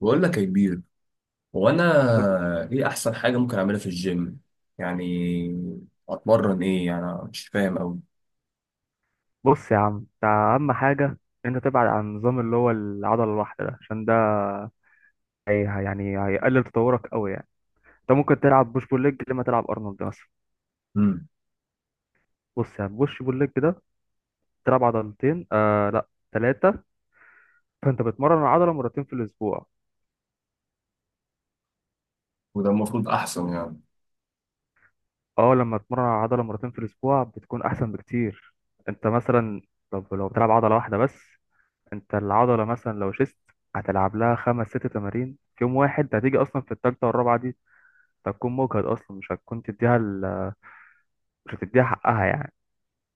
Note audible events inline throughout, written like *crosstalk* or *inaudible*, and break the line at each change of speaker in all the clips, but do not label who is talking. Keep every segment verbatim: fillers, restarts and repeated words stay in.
بقول لك يا كبير، هو انا
قول-
ايه احسن حاجه ممكن اعملها في الجيم؟ يعني اتمرن ايه؟ يعني أنا مش فاهم قوي.
بص يا عم، انت اهم حاجه. انت تبعد عن النظام اللي هو العضله الواحده ده، عشان ده هي يعني هيقلل تطورك قوي يعني. انت ممكن تلعب بوش بول ليج لما تلعب ارنولد مثلا.
امم
بص يعني بوش بول ليج ده تلعب عضلتين، آه لا ثلاثه. فانت بتمرن العضله مرتين في الاسبوع.
وده المفروض احسن يعني.
اه، لما تمرن العضله مرتين في الاسبوع بتكون احسن بكتير. انت مثلا، طب لو بتلعب عضله واحده بس، انت العضله مثلا لو شست هتلعب لها خمس ست تمارين في يوم واحد، هتيجي اصلا في التالتة والرابعة دي هتكون مجهد اصلا، مش هتكون تديها ال... مش هتديها حقها يعني.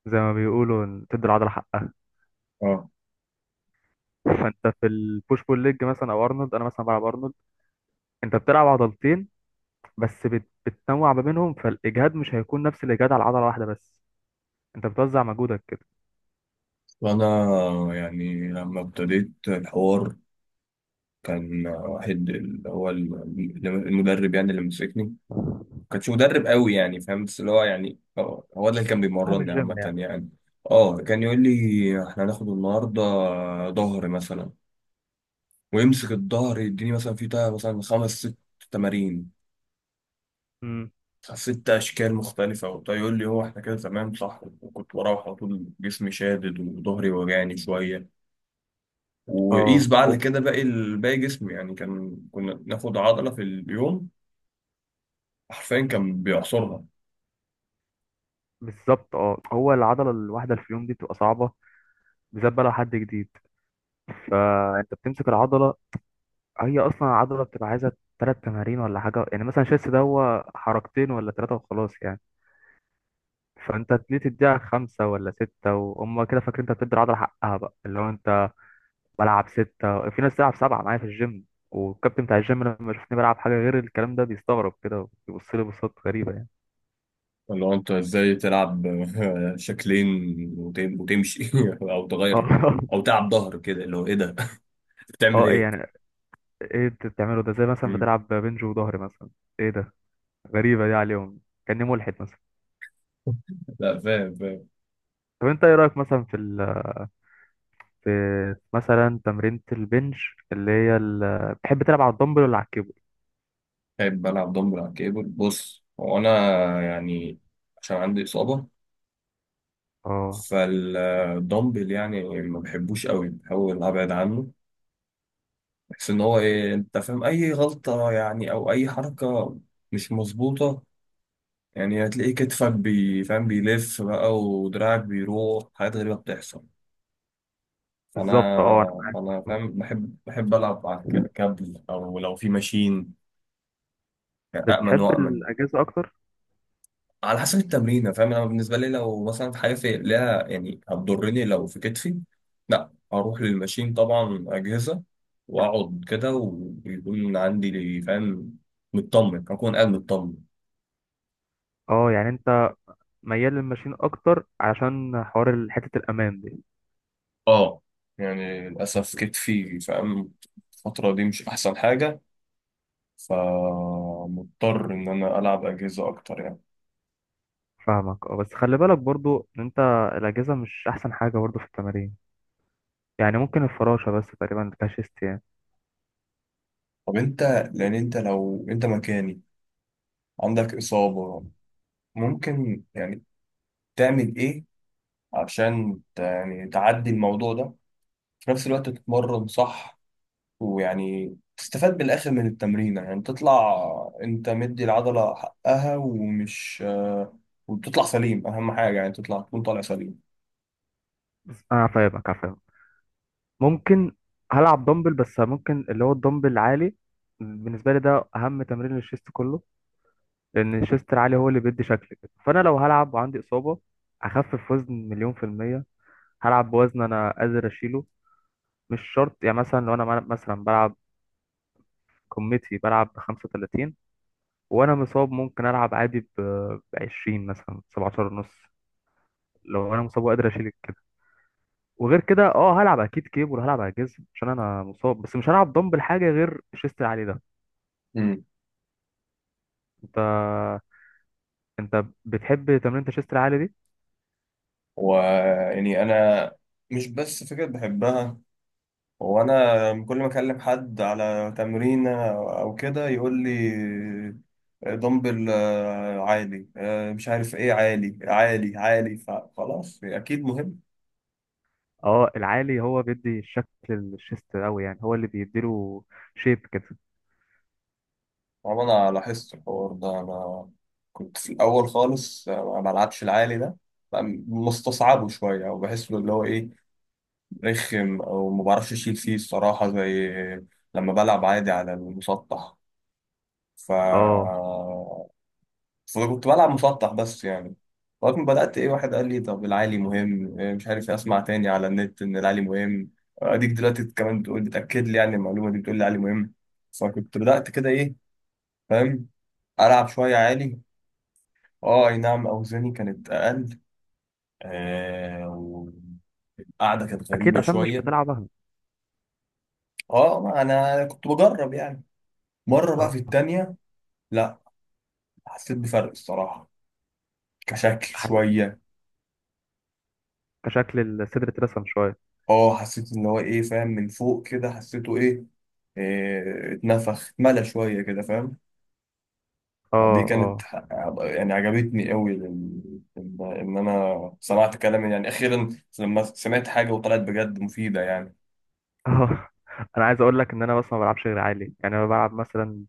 زي ما بيقولوا إن تدي العضله حقها.
اه،
*laughs* فانت في البوش بول ليج مثلا او ارنولد، انا مثلا بلعب ارنولد. انت بتلعب عضلتين بس بت... بتنوع ما بينهم، فالاجهاد مش هيكون نفس الاجهاد على عضله واحده بس. انت بتوزع مجهودك كده.
وانا يعني لما ابتديت الحوار، كان واحد اللي هو ال- المدرب يعني اللي مسكني، ما كانش مدرب قوي يعني، فاهم، بس اللي هو يعني آه، هو ده اللي كان
صاحب
بيمرني
الجيم
عامه
يعني.
يعني. اه كان يقول لي احنا هناخد النهارده ظهر مثلا، ويمسك الظهر يديني مثلا في بتاع مثلا خمس ست تمارين،
امم،
ست اشكال مختلفه وبتاع، يقول لي هو احنا كده تمام صح، وكنت بروح على طول جسمي شادد وظهري وجعني شويه، وقيس
اه
بقى على
هو.
كده باقي ال- باقي جسمي يعني، كان كنا ناخد عضله في اليوم، حرفيا كان بيعصرها.
بالظبط اه، هو العضله الواحده اللي في اليوم دي بتبقى صعبه، بالذات بقى لو حد جديد. فانت بتمسك العضله، هي اصلا العضله بتبقى عايزه ثلاث تمارين ولا حاجه يعني، مثلا شيست ده هو حركتين ولا ثلاثه وخلاص يعني. فانت ليه تديها خمسه ولا سته، وهم كده فاكرين انت بتدي العضله حقها بقى، اللي هو انت بلعب سته، في ناس تلعب سبعه معايا في الجيم. والكابتن بتاع الجيم لما يشوفني بلعب حاجه غير الكلام ده بيستغرب كده، وبيبص لي بصات غريبه يعني.
اللي هو انت ازاي تلعب *laughs* شكلين وتم- وتمشي *laughs* او تغير،
اه،
او تلعب ظهر كده اللي هو ايه ده؟ *laughs*
*laughs*
بتعمل
اه ايه
ايه؟
يعني. ايه انت بتعمله ده؟ زي مثلا
مم.
بتلعب بنج وظهر مثلا. ايه ده؟ غريبه دي عليهم، كاني ملحد مثلا.
لا، فاهم فاهم.
طب انت ايه رايك مثلا في ال، في مثلا تمرينة البنش، اللي هي ال... بتحب تلعب على الدمبل ولا على الكيبل؟
بحب بلعب دمبل على الكيبل. بص، هو أنا يعني عشان عندي إصابة،
اه،
فالدمبل يعني ما بحبوش قوي، بحاول أبعد عنه. بحس إن هو إيه، أنت فاهم، أي غلطة يعني أو أي حركة مش مظبوطة، يعني هتلاقي كتفك بي فاهم بيلف بقى، ودراعك بيروح حاجات غريبة بتحصل. فأنا
بالظبط اه، انا معاك.
أنا
برضه.
فاهم، بحب بحب ألعب على الك- كابل، أو لو في ماشين يعني، أأمن
بتحب
وأأمن.
الاجهزه اكتر؟
على حسب التمرين، فاهم، انا بالنسبه لي لو مثلا في حاجه في ليها يعني هتضرني، لو في كتفي لا، اروح للماشين طبعا، اجهزه، واقعد كده ويكون عندي، فاهم، مطمن، اكون قاعد مطمن.
اه، يعني انت ميال للماشين اكتر علشان حوار ال- حته الامان دي.
اه يعني للاسف كتفي، فاهم، الفتره دي مش احسن حاجه، فمضطر ان انا العب اجهزه اكتر يعني.
فاهمك، اه، بس خلي بالك برضو ان انت الاجهزه مش احسن حاجه برضو في التمارين، يعني ممكن الفراشه بس تقريبا اللي فيها شيست يعني.
طب انت، لان انت لو انت مكاني، عندك اصابه، ممكن يعني تعمل ايه عشان ت- يعني تعدي الموضوع ده، في نفس الوقت تتمرن صح، ويعني تستفاد بالآخر من التمرين، يعني تطلع انت مدي العضلة حقها ومش آه، وتطلع سليم، أهم حاجة يعني تطلع، تكون طالع سليم.
بس انا فاهمك، أنا فاهمك. ممكن هلعب دمبل، بس ممكن اللي هو الدمبل العالي. بالنسبه لي ده اهم تمرين للشيست كله، لان شيستر عالي هو اللي بيدي شكل كده. فانا لو هلعب وعندي اصابه اخفف وزن مليون في الميه، هلعب بوزن انا قادر اشيله. مش شرط يعني، مثلا لو انا مل- مثلا بلعب كوميتي بلعب ب خمسة وثلاثين، وانا مصاب ممكن العب عادي ب عشرين، مثلا سبعة عشر ونص، لو انا مصاب وقادر اشيل كده. وغير كده اه هلعب اكيد كيبل، هلعب على جزم عشان انا مصاب، بس مش هلعب دمبل حاجه غير شيستر عالي ده.
امم
انت، انت بتحب تمرين شيستر عالي دي؟
ويعني أنا مش بس فكرة بحبها، وأنا كل ما أكلم حد على تمرينة أو كده يقول لي دمبل آه، عالي آه، مش عارف إيه، عالي عالي عالي، فخلاص أكيد مهم.
اه، العالي هو بيدي الشكل الشيست قوي، يعني هو اللي بيديله شيب كده.
طبعا انا لاحظت الحوار ده، انا كنت في الاول خالص ما بلعبش العالي ده، بقى مستصعبه شويه، او بحس له اللي هو ايه، رخم، او ما بعرفش اشيل فيه الصراحه، زي لما بلعب عادي على المسطح. ف
اه،
فكنت بلعب مسطح بس يعني، لغايه ما بدات ايه، واحد قال لي طب العالي مهم، إيه مش عارف إيه، اسمع تاني على النت ان العالي مهم، اديك دلوقتي كمان بتقول، بتاكد لي يعني المعلومه دي، بتقول لي العالي مهم. فكنت بدات كده ايه، فاهم، العب شويه عالي. اه اي نعم، اوزاني كانت اقل، آه والقعده كانت
اكيد
غريبه
عشان مش
شويه.
بتلعب وهمي.
اه ما انا كنت بجرب يعني، مره بقى
اه
في التانية لا، حسيت بفرق الصراحه، كشكل
حاسس،
شويه.
كشكل الصدر اترسم شويه.
اه حسيت ان هو ايه، فاهم، من فوق كده حسيته ايه، آه، اتنفخ اتملى شويه كده، فاهم. فدي
اه
كانت
اه
ح- يعني عجبتني قوي لل- ان إن انا سمعت كلام يعني *laughs* اخيرا، لما سمعت حاجه وطلعت بجد مفيده يعني.
اه. *laughs* انا عايز اقول لك ان انا بس ما بلعبش غير عالي يعني، انا بلعب مثلا،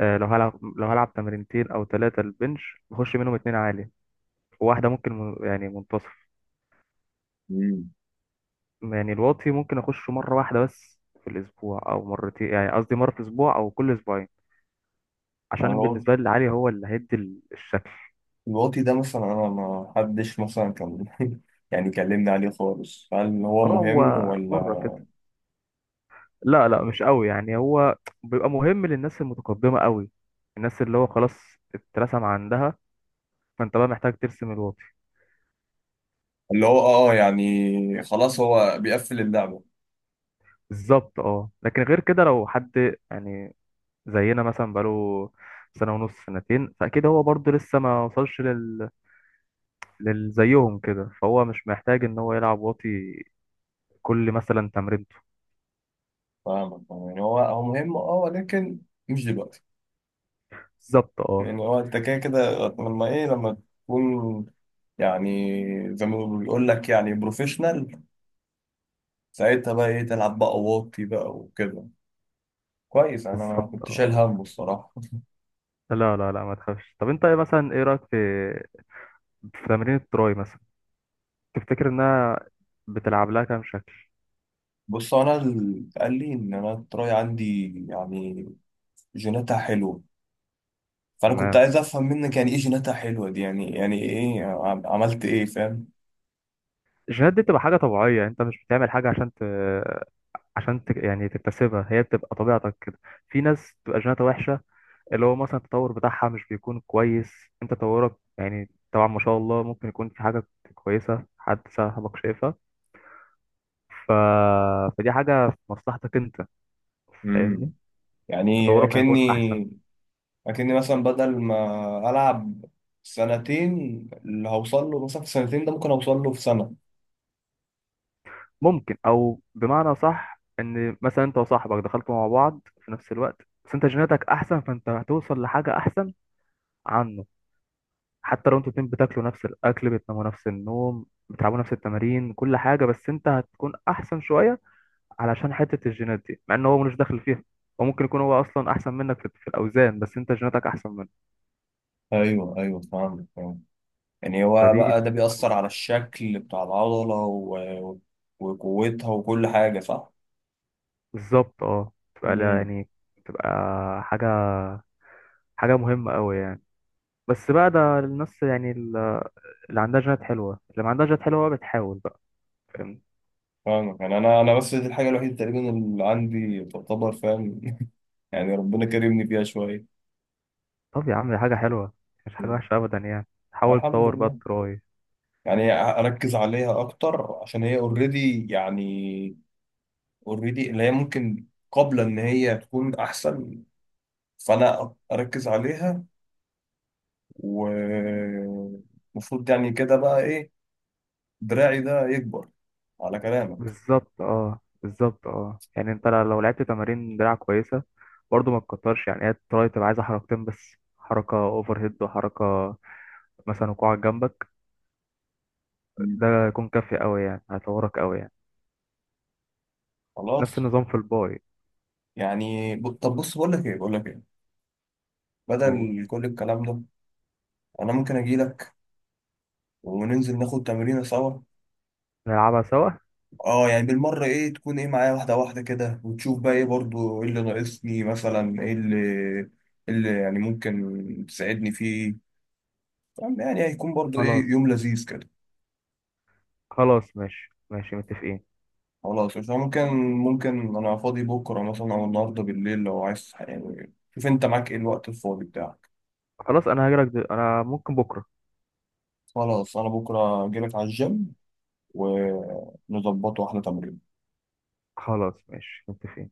آه، لو هلعب لو هلعب تمرينتين او ثلاثه البنش بخش منهم اتنين عالي، وواحده ممكن من- يعني منتصف.
مم.
يعني الواطي ممكن اخشه مره واحده بس في الاسبوع او مرتين، يعني قصدي مره في الاسبوع او كل اسبوعين، عشان
انا
بالنسبه لي العالي هو اللي هيدي الشكل.
الواطي ده مثلا، انا ما حدش مثلا كان *laughs* يعني كلمني عليه خالص، هل هو
اه، هو
مهم
مرة
ولا؟
كده، لا لا مش قوي يعني، هو بيبقى مهم للناس المتقدمة قوي، الناس اللي هو خلاص اترسم عندها، فانت بقى محتاج ترسم الواقي.
اللي هو اه يعني خلاص، هو بيقفل اللعبة.
بالظبط اه، لكن غير كده لو حد يعني زينا مثلا، بقاله سنة ونص سنتين، فأكيد هو برضه لسه ما وصلش لل... للزيهم كده، فهو مش محتاج إن هو يلعب واطي كل مثلا تمرينته.
فاهمك، يعني هو هو مهم اه، ولكن مش دلوقتي.
بالظبط اه،
يعني هو انت كده كده، لما ايه لما تكون يعني زي ما بيقول لك يعني بروفيشنال، ساعتها بقى ايه، تلعب بقى واطي بقى وكده. كويس، انا
بالظبط
كنت شايل
اه.
هم الصراحة.
لا لا لا، ما تخافش. طب انت ايه مثلا، ايه رأيك في، في تمرين التراي مثلا، تفتكر انها بتلعب لها كام شكل؟
بص انا اللي قال لي ان انا التراي عندي يعني جيناتها حلوة، فانا كنت
تمام.
عايز افهم منك يعني ايه جيناتها حلوه دي، يعني يعني ايه عم- عملت ايه، فاهم؟
الجينات دي بتبقى حاجه طبيعيه، انت مش بتعمل حاجه عشان ت... عشان ت... يعني تكتسبها، هي بتبقى طبيعتك كده. في ناس بتبقى جيناتها وحشه، اللي هو مثلا التطور بتاعها مش بيكون كويس. انت تطورك يعني طبعا ما شاء الله ممكن يكون في حاجه كويسه، حد صاحبك شايفها، ف... فدي حاجه في مصلحتك انت.
امم
فاهمني؟
يعني
تطورك
اكني
هيكون احسن.
اكني مثلا، بدل ما العب سنتين، اللي هوصل له مثلا في سنتين ده، ممكن اوصل له في سنه.
ممكن، او بمعنى صح، ان مثلا انت وصاحبك دخلتوا مع بعض في نفس الوقت، بس انت جيناتك احسن فانت هتوصل لحاجه احسن عنه. حتى لو انتوا الاتنين بتاكلوا نفس الاكل، بتناموا نفس النوم، بتلعبوا نفس التمارين، كل حاجه، بس انت هتكون احسن شويه علشان حته الجينات دي، مع ان هو ملوش دخل فيها. وممكن يكون هو اصلا احسن منك في في الاوزان، بس انت جيناتك احسن منه.
ايوه ايوه، فاهم فاهم. يعني هو
فدي
بقى ده بيأثر على الشكل بتاع العضله و... وقوتها وكل حاجه، صح؟
بالظبط اه. تبقى لا
امم
يعني، تبقى حاجه حاجه مهمه قوي يعني، بس بقى ده الناس يعني اللي عندها جينات حلوة، اللي ما عندهاش جينات حلوة بقى بتحاول بقى، فاهم.
فاهمك، يعني انا انا بس دي الحاجه الوحيده تقريبا اللي عندي تعتبر، فاهم؟ *laughs* يعني ربنا كرمني فيها شويه.
طب يا عم، دي حاجة حلوة مش حاجة وحشة أبدا يعني. حاول
الحمد
تطور بقى
لله.
التراي.
يعني اركز عليها اكتر عشان هي اوريدي، يعني اوريدي اللي هي ممكن قبل ان هي تكون احسن، فانا اركز عليها، ومفروض يعني كده بقى ايه، دراعي ده يكبر على كلامك.
بالظبط اه، بالظبط اه، يعني انت لو لعبت تمارين دراع كويسة برضه ما تكترش، يعني هي التراي تبقى عايزة حركتين بس، حركة اوفر هيد وحركة مثلا وقوعك جنبك،
مم.
ده يكون كافي قوي يعني، هيطورك قوي يعني. نفس
خلاص.
النظام في الباي.
يعني ب- طب بص، بقول لك ايه بقول لك ايه،
قول.
بدل كل الكلام ده انا ممكن اجي لك وننزل ناخد تمرينه سوا.
نلعبها سوا.
اه يعني بالمرة ايه، تكون ايه معايا واحدة واحدة كده، وتشوف بقى ايه برضو ايه اللي ناقصني، مثلا ايه اللي إيه اللي يعني ممكن تساعدني فيه، فاهم؟ يعني هيكون برضو ايه
خلاص،
يوم لذيذ كده.
خلاص ماشي ماشي متفقين.
خلاص عشان ممكن ممكن انا فاضي بكرة مثلا او النهاردة بالليل، لو عايز يعني شوف انت معاك ايه الوقت الفاضي بتاعك.
خلاص انا هجيلك دل... انا ممكن بكرة.
خلاص انا بكرة اجيلك على الجيم ونظبط واحدة تمرين.
خلاص ماشي متفقين.